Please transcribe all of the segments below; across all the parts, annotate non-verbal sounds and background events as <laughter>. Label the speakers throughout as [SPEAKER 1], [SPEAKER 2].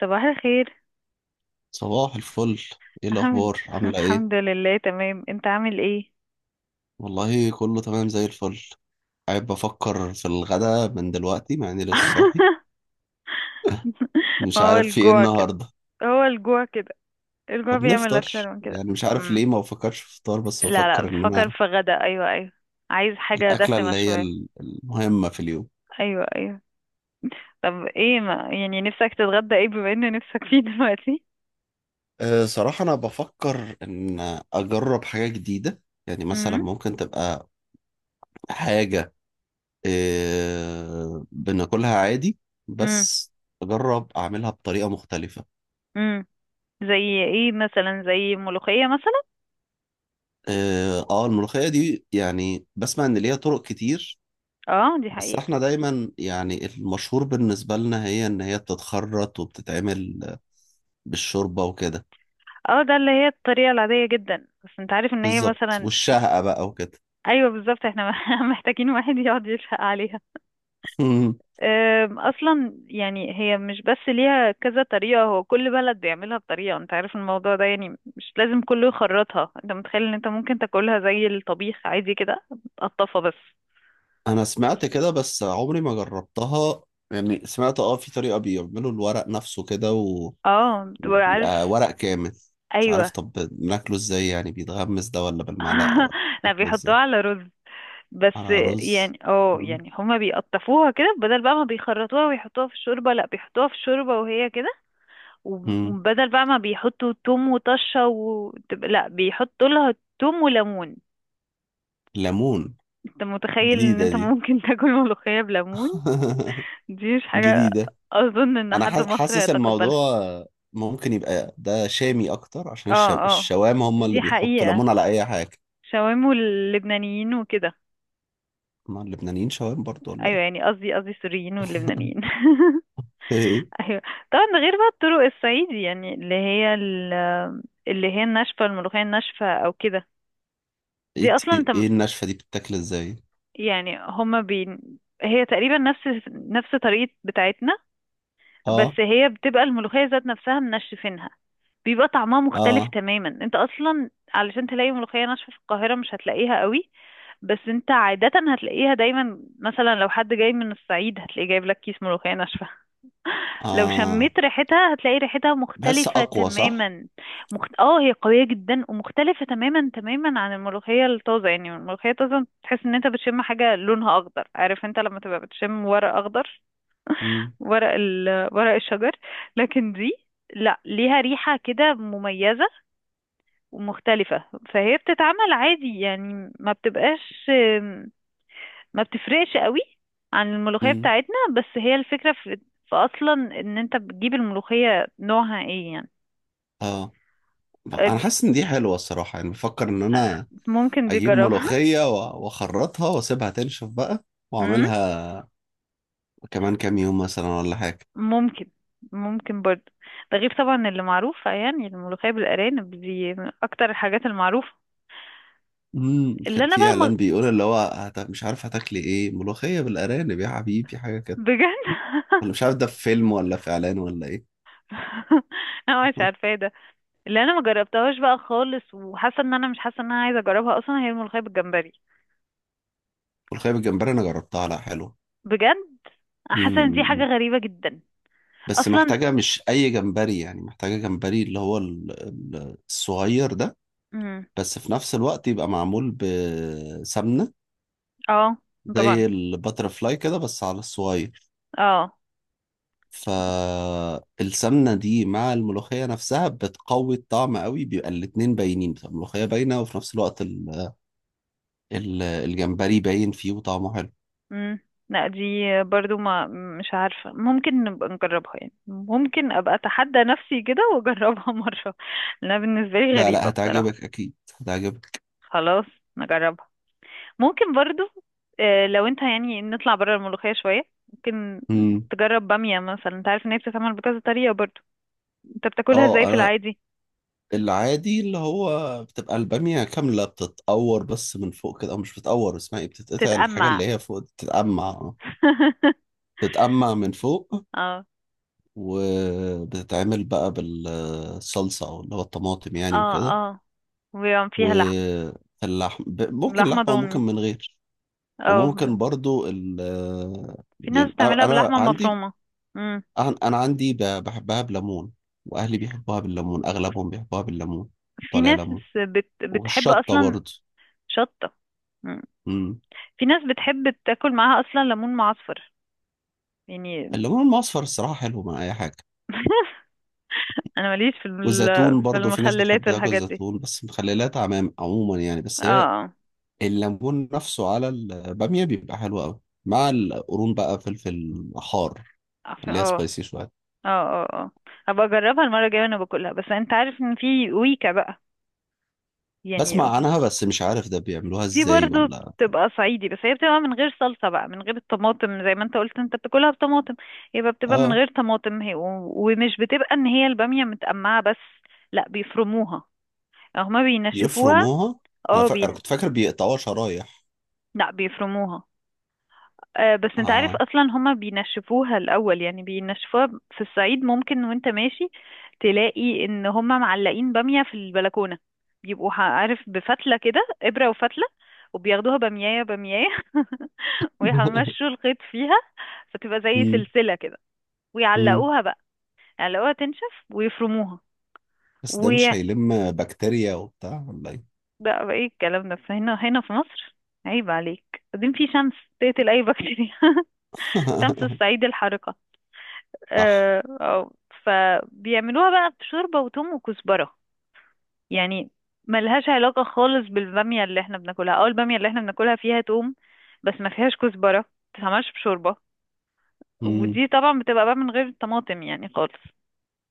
[SPEAKER 1] صباح الخير.
[SPEAKER 2] صباح الفل. ايه
[SPEAKER 1] عامل
[SPEAKER 2] الاخبار؟
[SPEAKER 1] <laughs>
[SPEAKER 2] عامله ايه؟
[SPEAKER 1] الحمد لله تمام، انت عامل ايه؟
[SPEAKER 2] والله، كله تمام زي الفل. قاعد بفكر في الغدا من دلوقتي، مع اني لسه صاحي.
[SPEAKER 1] <laughs>
[SPEAKER 2] مش
[SPEAKER 1] هو
[SPEAKER 2] عارف في ايه
[SPEAKER 1] الجوع كده.
[SPEAKER 2] النهارده.
[SPEAKER 1] هو الجوع كده. الجوع
[SPEAKER 2] طب
[SPEAKER 1] بيعمل
[SPEAKER 2] نفطر،
[SPEAKER 1] اكتر من كده
[SPEAKER 2] يعني مش عارف ليه
[SPEAKER 1] أمم.
[SPEAKER 2] ما بفكرش في فطار، بس
[SPEAKER 1] لا، لا،
[SPEAKER 2] بفكر ان
[SPEAKER 1] بفكر
[SPEAKER 2] انا
[SPEAKER 1] في غدا، ايوه، ايوه. عايز حاجة
[SPEAKER 2] الاكله
[SPEAKER 1] دسمة
[SPEAKER 2] اللي هي
[SPEAKER 1] شوية.
[SPEAKER 2] المهمه في اليوم.
[SPEAKER 1] ايوه، ايوه. طب ايه؟ ما يعني نفسك تتغدى ايه بما ان نفسك فيه دلوقتي؟
[SPEAKER 2] صراحه انا بفكر ان اجرب حاجه جديده. يعني مثلا
[SPEAKER 1] امم.
[SPEAKER 2] ممكن تبقى حاجه بناكلها عادي،
[SPEAKER 1] امم.
[SPEAKER 2] بس اجرب اعملها بطريقه مختلفه.
[SPEAKER 1] امم. زي ايه مثلا؟ زي ملوخية مثلا.
[SPEAKER 2] اه، آه، الملوخية دي يعني بسمع ان ليها طرق كتير.
[SPEAKER 1] اه، دي
[SPEAKER 2] بس
[SPEAKER 1] حقيقة.
[SPEAKER 2] احنا دايما يعني المشهور بالنسبة لنا هي ان هي بتتخرط وبتتعمل بالشوربة وكده.
[SPEAKER 1] اه، ده اللي هي الطريقة العادية جدا، بس انت عارف ان هي
[SPEAKER 2] بالظبط،
[SPEAKER 1] مثلا.
[SPEAKER 2] والشهقة بقى وكده.
[SPEAKER 1] ايوه بالظبط، احنا <laughs> محتاجين واحد يقعد يشفق عليها.
[SPEAKER 2] <laughs>
[SPEAKER 1] اصلا يعني هي مش بس ليها كذا طريقه، هو كل بلد بيعملها بطريقه. انت عارف الموضوع ده يعني مش لازم كله يخرطها. انت متخيل ان انت ممكن تاكلها زي الطبيخ عادي كده؟ تقطفها بس.
[SPEAKER 2] انا سمعت كده، بس عمري ما جربتها. يعني سمعت، في طريقة بيعملوا الورق نفسه كده
[SPEAKER 1] اه، بتبقى عارف.
[SPEAKER 2] وبيبقى ورق كامل. مش عارف،
[SPEAKER 1] ايوه.
[SPEAKER 2] طب بناكله ازاي؟ يعني بيتغمس ده ولا بالمعلقة
[SPEAKER 1] <laughs>
[SPEAKER 2] ولا؟
[SPEAKER 1] لا،
[SPEAKER 2] بناكله
[SPEAKER 1] بيحطوها
[SPEAKER 2] ازاي؟
[SPEAKER 1] على رز بس.
[SPEAKER 2] على رز؟
[SPEAKER 1] يعني
[SPEAKER 2] مم.
[SPEAKER 1] يعني هما بيقطفوها كده، بدل بقى ما بيخرطوها ويحطوها في الشوربه. لا، بيحطوها في الشوربه وهي كده.
[SPEAKER 2] مم.
[SPEAKER 1] وبدل بقى ما بيحطوا توم وطشة لا، بيحطوا لها توم وليمون.
[SPEAKER 2] ليمون.
[SPEAKER 1] انت متخيل ان
[SPEAKER 2] جديدة
[SPEAKER 1] انت
[SPEAKER 2] دي.
[SPEAKER 1] ممكن <laughs> تاكل ملوخية بليمون؟
[SPEAKER 2] <laughs>
[SPEAKER 1] دي مش حاجة.
[SPEAKER 2] جديدة.
[SPEAKER 1] اظن ان
[SPEAKER 2] أنا
[SPEAKER 1] حد مصري
[SPEAKER 2] حاسس
[SPEAKER 1] هيتقبلها.
[SPEAKER 2] الموضوع ممكن يبقى ده شامي أكتر، عشان
[SPEAKER 1] اه، اه،
[SPEAKER 2] الشوام هم اللي
[SPEAKER 1] دي
[SPEAKER 2] بيحطوا
[SPEAKER 1] حقيقة.
[SPEAKER 2] ليمون على أي حاجة.
[SPEAKER 1] شاورما واللبنانيين وكده.
[SPEAKER 2] ما اللبنانيين شوام برضو ولا
[SPEAKER 1] ايوه
[SPEAKER 2] إيه؟
[SPEAKER 1] يعني قصدي السوريين واللبنانيين. <laughs>
[SPEAKER 2] <laughs>
[SPEAKER 1] ايوه. طبعا ده غير بقى الطرق الصعيدي، يعني اللي هي الناشفة، الملوخية الناشفة او كده. دي اصلا
[SPEAKER 2] إيه
[SPEAKER 1] انت،
[SPEAKER 2] النشفة دي بتتاكل إزاي؟
[SPEAKER 1] يعني هما بي... هي تقريبا نفس طريقة بتاعتنا. بس
[SPEAKER 2] آه.
[SPEAKER 1] هي بتبقى الملوخية ذات نفسها منشفينها. بيبقى طعمها مختلف
[SPEAKER 2] آه.
[SPEAKER 1] تماما. انت اصلا علشان تلاقي ملوخية ناشفة في القاهرة، مش هتلاقيها قوي. بس انت عادة هتلاقيها دايما، مثلا لو حد جاي من الصعيد، هتلاقيه جايب لك كيس ملوخية ناشفة. لو
[SPEAKER 2] آه.
[SPEAKER 1] شميت ريحتها، هتلاقي ريحتها
[SPEAKER 2] بحس
[SPEAKER 1] مختلفة
[SPEAKER 2] أقوى، صح؟
[SPEAKER 1] تماما. اه، هي قوية جدا ومختلفة تماما تماما عن الملوخية الطازة. يعني الملوخية الطازة تحس ان انت بتشم حاجة لونها اخضر، عارف انت لما تبقى بتشم ورق اخضر.
[SPEAKER 2] مم.
[SPEAKER 1] ورق الشجر. لكن دي، لا، ليها ريحة كده مميزة ومختلفة. فهي بتتعمل عادي يعني ما بتبقاش، ما بتفرقش قوي عن الملوخية
[SPEAKER 2] مم.
[SPEAKER 1] بتاعتنا. بس هي الفكرة في اصلا ان انت بتجيب الملوخية نوعها ايه يعني.
[SPEAKER 2] آه. أنا
[SPEAKER 1] أد-
[SPEAKER 2] حاسس إن دي حلوة الصراحة، يعني بفكر إن
[SPEAKER 1] آه،
[SPEAKER 2] أنا
[SPEAKER 1] ممكن دي
[SPEAKER 2] أجيب
[SPEAKER 1] جربها.
[SPEAKER 2] ملوخية وأخرطها وأسيبها تنشف بقى،
[SPEAKER 1] <laughs> مم،
[SPEAKER 2] وأعملها كمان كام يوم مثلا ولا حاجة.
[SPEAKER 1] ممكن ممكن برضه. ده غير طبعا اللي معروفة، يعني الملوخية بالأرانب دي من أكتر الحاجات المعروفة. اللي
[SPEAKER 2] كان
[SPEAKER 1] أنا
[SPEAKER 2] في
[SPEAKER 1] بقى ما...
[SPEAKER 2] اعلان بيقول اللي هو مش عارف، هتاكلي ايه؟ ملوخيه بالارانب يا حبيبي، حاجه كده.
[SPEAKER 1] بجد.
[SPEAKER 2] ولا مش عارف ده في فيلم ولا في اعلان ولا ايه.
[SPEAKER 1] <laughs> أنا مش عارفة إيه
[SPEAKER 2] <laughs>
[SPEAKER 1] ده. اللي أنا ما جربتهاش بقى خالص وحاسة إن أنا مش حاسة إن أنا عايزة أجربها أصلا، هي الملوخية بالجمبري.
[SPEAKER 2] ملوخيه بالجمبري انا جربتها، لا حلوه.
[SPEAKER 1] بجد، حاسة إن دي حاجة
[SPEAKER 2] امم
[SPEAKER 1] غريبة جدا.
[SPEAKER 2] بس
[SPEAKER 1] اصلا.
[SPEAKER 2] محتاجه مش اي جمبري، يعني محتاجه جمبري اللي هو الصغير ده.
[SPEAKER 1] امم.
[SPEAKER 2] بس في نفس الوقت يبقى معمول بسمنه،
[SPEAKER 1] اه. طبعا.
[SPEAKER 2] زي الباترفلاي كده بس على الصغير.
[SPEAKER 1] اه.
[SPEAKER 2] فالسمنة دي مع الملوخية نفسها بتقوي الطعم قوي، بيبقى الاتنين باينين، بتبقى الملوخية باينة، وفي نفس الوقت الجمبري باين فيه وطعمه حلو.
[SPEAKER 1] امم. لا، دي برضو ما، مش عارفة. ممكن نبقى نجربها، يعني ممكن ابقى اتحدى نفسي كده واجربها <laughs> مرة. لانها بالنسبة لي
[SPEAKER 2] لا، لا
[SPEAKER 1] غريبة بصراحة.
[SPEAKER 2] هتعجبك أكيد. هتعجبك.
[SPEAKER 1] خلاص، نجربها. ممكن برضو. آه، لو انت يعني نطلع بره الملوخية شوية، ممكن
[SPEAKER 2] مم.
[SPEAKER 1] تجرب بامية مثلا. انت عارف ان هي بتتعمل بكذا طريقة برضو. انت بتاكلها ازاي
[SPEAKER 2] اه،
[SPEAKER 1] في
[SPEAKER 2] أنا
[SPEAKER 1] العادي؟
[SPEAKER 2] العادي اللي هو بتبقى البامية كاملة، بتتقور بس من فوق كده، أو مش بتتقور، اسمها ايه، بتتقطع الحاجة
[SPEAKER 1] تتقمع.
[SPEAKER 2] اللي هي فوق دي، بتتقمع.
[SPEAKER 1] <laughs>
[SPEAKER 2] بتتقمع من فوق،
[SPEAKER 1] اه،
[SPEAKER 2] وبتتعمل بقى بالصلصة أو اللي هو الطماطم يعني
[SPEAKER 1] اه،
[SPEAKER 2] وكده.
[SPEAKER 1] اه، وبيبقى فيها لحمة.
[SPEAKER 2] واللحم ممكن
[SPEAKER 1] لحمة
[SPEAKER 2] لحمة وممكن
[SPEAKER 1] ضاني.
[SPEAKER 2] من غير.
[SPEAKER 1] اه.
[SPEAKER 2] وممكن برضو.
[SPEAKER 1] في ناس
[SPEAKER 2] يعني أنا
[SPEAKER 1] بتعملها
[SPEAKER 2] أنا
[SPEAKER 1] باللحمة
[SPEAKER 2] عندي
[SPEAKER 1] المفرومة. مم.
[SPEAKER 2] أنا عندي بحبها بليمون. وأهلي بيحبوها بالليمون، أغلبهم بيحبوها بالليمون.
[SPEAKER 1] في
[SPEAKER 2] طالع
[SPEAKER 1] ناس
[SPEAKER 2] ليمون.
[SPEAKER 1] بتحب
[SPEAKER 2] والشطة
[SPEAKER 1] أصلا.
[SPEAKER 2] برضو.
[SPEAKER 1] شطة. مم.
[SPEAKER 2] مم.
[SPEAKER 1] في ناس بتحب تاكل معاها أصلا ليمون معصفر يعني.
[SPEAKER 2] الليمون المصفر الصراحة حلو مع أي حاجة.
[SPEAKER 1] أنا ماليش
[SPEAKER 2] والزيتون
[SPEAKER 1] في
[SPEAKER 2] برضو، في ناس بتحب
[SPEAKER 1] المخللات
[SPEAKER 2] تاكل
[SPEAKER 1] والحاجات دي.
[SPEAKER 2] الزيتون بس. مخللات عموما يعني. بس هي
[SPEAKER 1] اه،
[SPEAKER 2] الليمون نفسه على البامية بيبقى حلو أوي، مع القرون بقى، فلفل حار،
[SPEAKER 1] اه،
[SPEAKER 2] اللي هي
[SPEAKER 1] اه،
[SPEAKER 2] سبايسي شوية.
[SPEAKER 1] اه، اه، آه. هبقى أجربها المرة الجاية وأنا باكلها، بس أنت عارف إن في ويكا بقى يعني.
[SPEAKER 2] بسمع عنها، بس مش عارف ده بيعملوها
[SPEAKER 1] دي
[SPEAKER 2] ازاي
[SPEAKER 1] برضو
[SPEAKER 2] ولا.
[SPEAKER 1] بتبقى صعيدي، بس هي بتبقى من غير صلصة بقى، من غير الطماطم. زي ما انت قلت انت بتاكلها بطماطم، يبقى بتبقى من
[SPEAKER 2] اه،
[SPEAKER 1] غير طماطم هي ومش بتبقى ان هي البامية متقمعة بس. لا، بيفرموها. هما بينشفوها،
[SPEAKER 2] بيفرموها. انا
[SPEAKER 1] اه.
[SPEAKER 2] كنت فاكر بيقطعوها شرايح.
[SPEAKER 1] لا، بيفرموها. آه، بس انت عارف
[SPEAKER 2] اه.
[SPEAKER 1] اصلا هما بينشفوها الاول، يعني بينشفوها في الصعيد. ممكن وانت ماشي تلاقي ان هما معلقين بامية في البلكونة. بيبقوا عارف بفتلة كده، ابرة وفتلة، وبياخدوها باميايه باميايه. <laughs> ويمشوا
[SPEAKER 2] <laughs>
[SPEAKER 1] الخيط فيها فتبقى زي
[SPEAKER 2] مم.
[SPEAKER 1] سلسلة كده.
[SPEAKER 2] مم.
[SPEAKER 1] ويعلقوها بقى، يعلقوها تنشف، ويفرموها.
[SPEAKER 2] بس ده مش
[SPEAKER 1] وي
[SPEAKER 2] هيلم بكتيريا وبتاع ولا ايه؟
[SPEAKER 1] بقى ايه الكلام ده؟ فهنا هنا في مصر، عيب عليك. بعدين في شمس تقتل اي بكتيريا. <laughs> شمس
[SPEAKER 2] <laughs>
[SPEAKER 1] الصعيد الحارقة.
[SPEAKER 2] صح.
[SPEAKER 1] آه، آه، فبيعملوها بقى بشوربة وتوم وكزبرة يعني. ملهاش علاقة خالص بالبامية اللي احنا بناكلها، او البامية اللي احنا بناكلها فيها توم بس ما فيهاش كزبرة، ما بتتعملش بشوربة.
[SPEAKER 2] مم.
[SPEAKER 1] ودي طبعا بتبقى بقى من غير طماطم يعني خالص.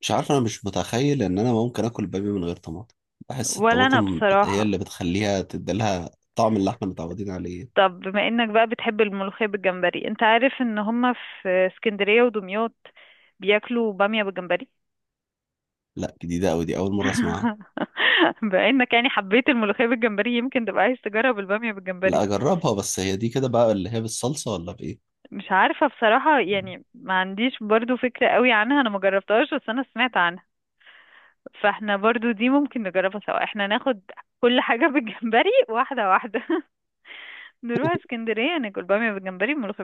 [SPEAKER 2] مش عارف، انا مش متخيل ان انا ممكن اكل باميه من غير طماطم. بحس
[SPEAKER 1] ولا انا
[SPEAKER 2] الطماطم هي
[SPEAKER 1] بصراحة.
[SPEAKER 2] اللي بتخليها تديلها طعم اللي احنا متعودين عليه.
[SPEAKER 1] طب بما انك بقى بتحب الملوخية بالجمبري، انت عارف ان هما في اسكندرية ودمياط بياكلوا بامية بالجمبري.
[SPEAKER 2] لا، جديده قوي دي، اول مره اسمعها.
[SPEAKER 1] <laughs> بما انك يعني حبيت الملوخية بالجمبري، يمكن تبقى عايز تجرب البامية بالجمبري.
[SPEAKER 2] لا اجربها، بس هي دي كده بقى اللي هي بالصلصه ولا بايه؟
[SPEAKER 1] مش عارفة بصراحة، يعني ما عنديش برضو فكرة قوي عنها، انا ما جربتهاش بس انا سمعت عنها. فاحنا برضو دي ممكن نجربها سوا، احنا ناخد كل حاجة <laughs> بالجمبري، واحدة واحدة. <laughs> نروح اسكندرية ناكل بامية بالجمبري وملوخية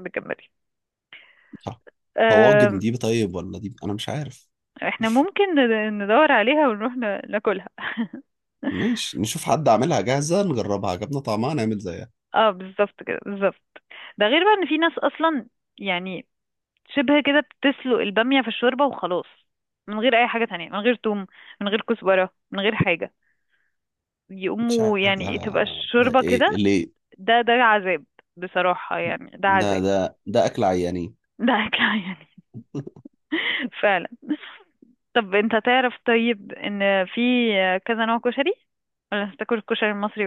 [SPEAKER 2] صح. طواجن
[SPEAKER 1] بالجمبري.
[SPEAKER 2] دي طيب، ولا دي انا مش عارف.
[SPEAKER 1] احنا ممكن ندور عليها ونروح ناكلها. <laughs>
[SPEAKER 2] ماشي، نشوف حد عاملها جاهزة، نجربها، عجبنا طعمها، نعمل زيها.
[SPEAKER 1] اه، بالظبط كده، بالظبط. ده غير بقى ان في ناس اصلا يعني شبه كده بتسلق البامية في الشوربة وخلاص، من غير اي حاجة تانية، من غير توم، من غير كزبرة، من غير حاجة.
[SPEAKER 2] مش
[SPEAKER 1] يقوموا
[SPEAKER 2] عارف
[SPEAKER 1] يعني تبقى
[SPEAKER 2] ده
[SPEAKER 1] الشوربة
[SPEAKER 2] ايه
[SPEAKER 1] كده.
[SPEAKER 2] ليه.
[SPEAKER 1] ده عذاب. بصراحة يعني ده
[SPEAKER 2] ده
[SPEAKER 1] عذاب.
[SPEAKER 2] ده ده اكل عيانين.
[SPEAKER 1] ده اكل <laughs> يعني.
[SPEAKER 2] <laughs>
[SPEAKER 1] فعلا. طب انت تعرف طيب ان في كذا نوع كشري؟ ولا هتاكل الكشري المصري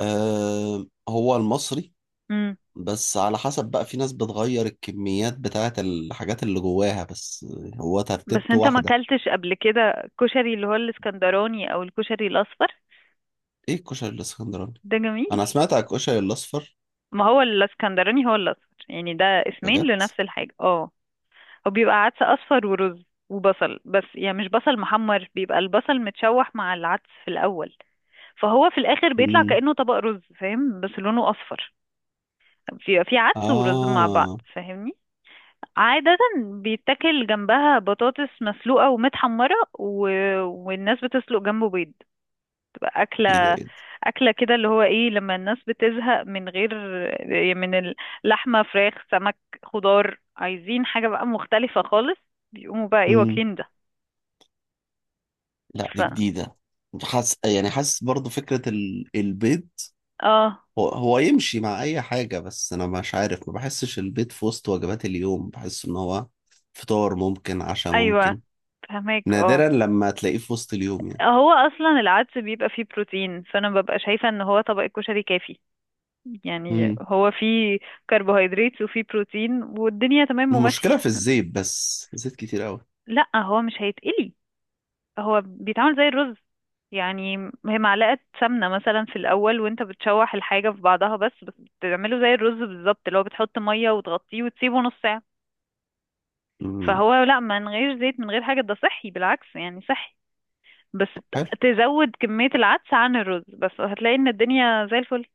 [SPEAKER 2] أه، هو المصري.
[SPEAKER 1] بس؟
[SPEAKER 2] بس على حسب بقى، في ناس بتغير الكميات بتاعة الحاجات اللي جواها بس، هو
[SPEAKER 1] بس
[SPEAKER 2] ترتيبته
[SPEAKER 1] انت ما
[SPEAKER 2] واحدة.
[SPEAKER 1] اكلتش قبل كده كشري اللي هو الاسكندراني او الكشري الاصفر.
[SPEAKER 2] ايه الكشري الاسكندراني؟
[SPEAKER 1] ده جميل.
[SPEAKER 2] انا سمعت على الكشري الاصفر.
[SPEAKER 1] ما هو الاسكندراني هو الاصفر، يعني ده اسمين
[SPEAKER 2] بجد؟
[SPEAKER 1] لنفس الحاجة. اه. هو بيبقى عدس اصفر ورز وبصل، بس يعني مش بصل محمر، بيبقى البصل متشوح مع العدس في الاول. فهو في الاخر بيطلع
[SPEAKER 2] امم.
[SPEAKER 1] كأنه طبق رز فاهم، بس لونه اصفر. بيبقى فيه عدس ورز مع بعض،
[SPEAKER 2] اه.
[SPEAKER 1] فاهمني. عادة بيتاكل جنبها بطاطس مسلوقة ومتحمرة. والناس بتسلق جنبه بيض. تبقى
[SPEAKER 2] ايه ده؟
[SPEAKER 1] أكلة.
[SPEAKER 2] ايه ده؟
[SPEAKER 1] أكلة كده، اللي هو إيه، لما الناس بتزهق من غير يعني من اللحمة، فراخ، سمك، خضار، عايزين حاجة بقى مختلفة خالص، بيقوموا بقى إيه،
[SPEAKER 2] مم.
[SPEAKER 1] واكلين ده.
[SPEAKER 2] لا
[SPEAKER 1] ف
[SPEAKER 2] دي جديدة. يعني حاسس برضو فكرة البيض.
[SPEAKER 1] اه
[SPEAKER 2] هو يمشي مع أي حاجة، بس أنا مش عارف، ما بحسش البيض في وسط وجبات اليوم. بحس إن هو فطار ممكن، عشاء
[SPEAKER 1] أيوه،
[SPEAKER 2] ممكن،
[SPEAKER 1] فهماك اه.
[SPEAKER 2] نادرا لما تلاقيه في وسط اليوم يعني.
[SPEAKER 1] هو أصلا العدس بيبقى فيه بروتين، فأنا ببقى شايفة إن هو طبق الكشري كافي. يعني
[SPEAKER 2] مم.
[SPEAKER 1] هو فيه كربوهيدرات وفيه بروتين والدنيا تمام وماشية.
[SPEAKER 2] المشكلة في الزيت بس، زيت كتير أوي.
[SPEAKER 1] لأ، هو مش هيتقلي. هو بيتعمل زي الرز يعني. هي معلقة سمنة مثلا في الأول وانت بتشوح الحاجة في بعضها بس. بتعمله زي الرز بالظبط، اللي هو بتحط مية وتغطيه وتسيبه نص ساعة.
[SPEAKER 2] مم.
[SPEAKER 1] فهو لا، من غير زيت من غير حاجة، ده صحي بالعكس يعني، صحي. بس
[SPEAKER 2] طب حلو،
[SPEAKER 1] تزود كمية العدس عن الرز، بس هتلاقي ان الدنيا زي الفل.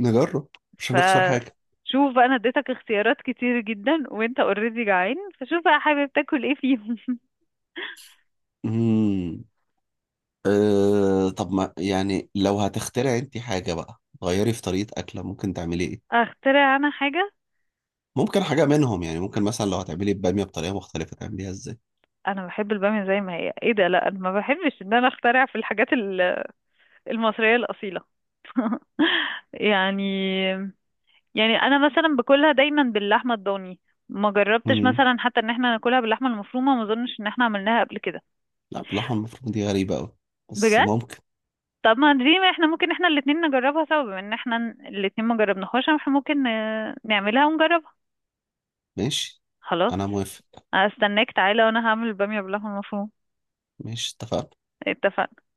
[SPEAKER 2] نجرب، مش هنخسر حاجة.
[SPEAKER 1] فشوف بقى، انا اديتك اختيارات كتير جدا، وانت اوريدي جعان، فشوف بقى حابب تاكل ايه فيهم. <laughs>
[SPEAKER 2] مم. طب ما يعني لو هتخترعي أنت حاجة بقى غيري في طريقة أكلة، ممكن تعملي إيه؟
[SPEAKER 1] اخترع انا حاجة؟
[SPEAKER 2] ممكن حاجة منهم، يعني ممكن مثلا لو هتعملي البامية بطريقة مختلفة تعمليها ازاي؟
[SPEAKER 1] انا بحب الباميه زي ما هي، ايه ده، لا، انا ما بحبش ان انا اخترع في الحاجات المصريه الاصيله. <laughs> يعني يعني انا مثلا باكلها دايما باللحمه الضاني. ما جربتش
[SPEAKER 2] امم.
[SPEAKER 1] مثلا حتى ان احنا ناكلها باللحمه المفرومه، ما اظنش ان احنا عملناها قبل كده.
[SPEAKER 2] لا باللحمة المفرومة دي غريبة أوي، بس
[SPEAKER 1] بجد.
[SPEAKER 2] ممكن.
[SPEAKER 1] طب ما دي، ما احنا ممكن احنا الاتنين نجربها سوا، بما ان احنا الاتنين ما جربناهاش، احنا ممكن نعملها ونجربها.
[SPEAKER 2] ماشي،
[SPEAKER 1] خلاص.
[SPEAKER 2] أنا موافق.
[SPEAKER 1] استناك تعالى وانا هعمل الباميه باللحمه المفرومه.
[SPEAKER 2] ماشي، اتفقنا.
[SPEAKER 1] اتفقنا.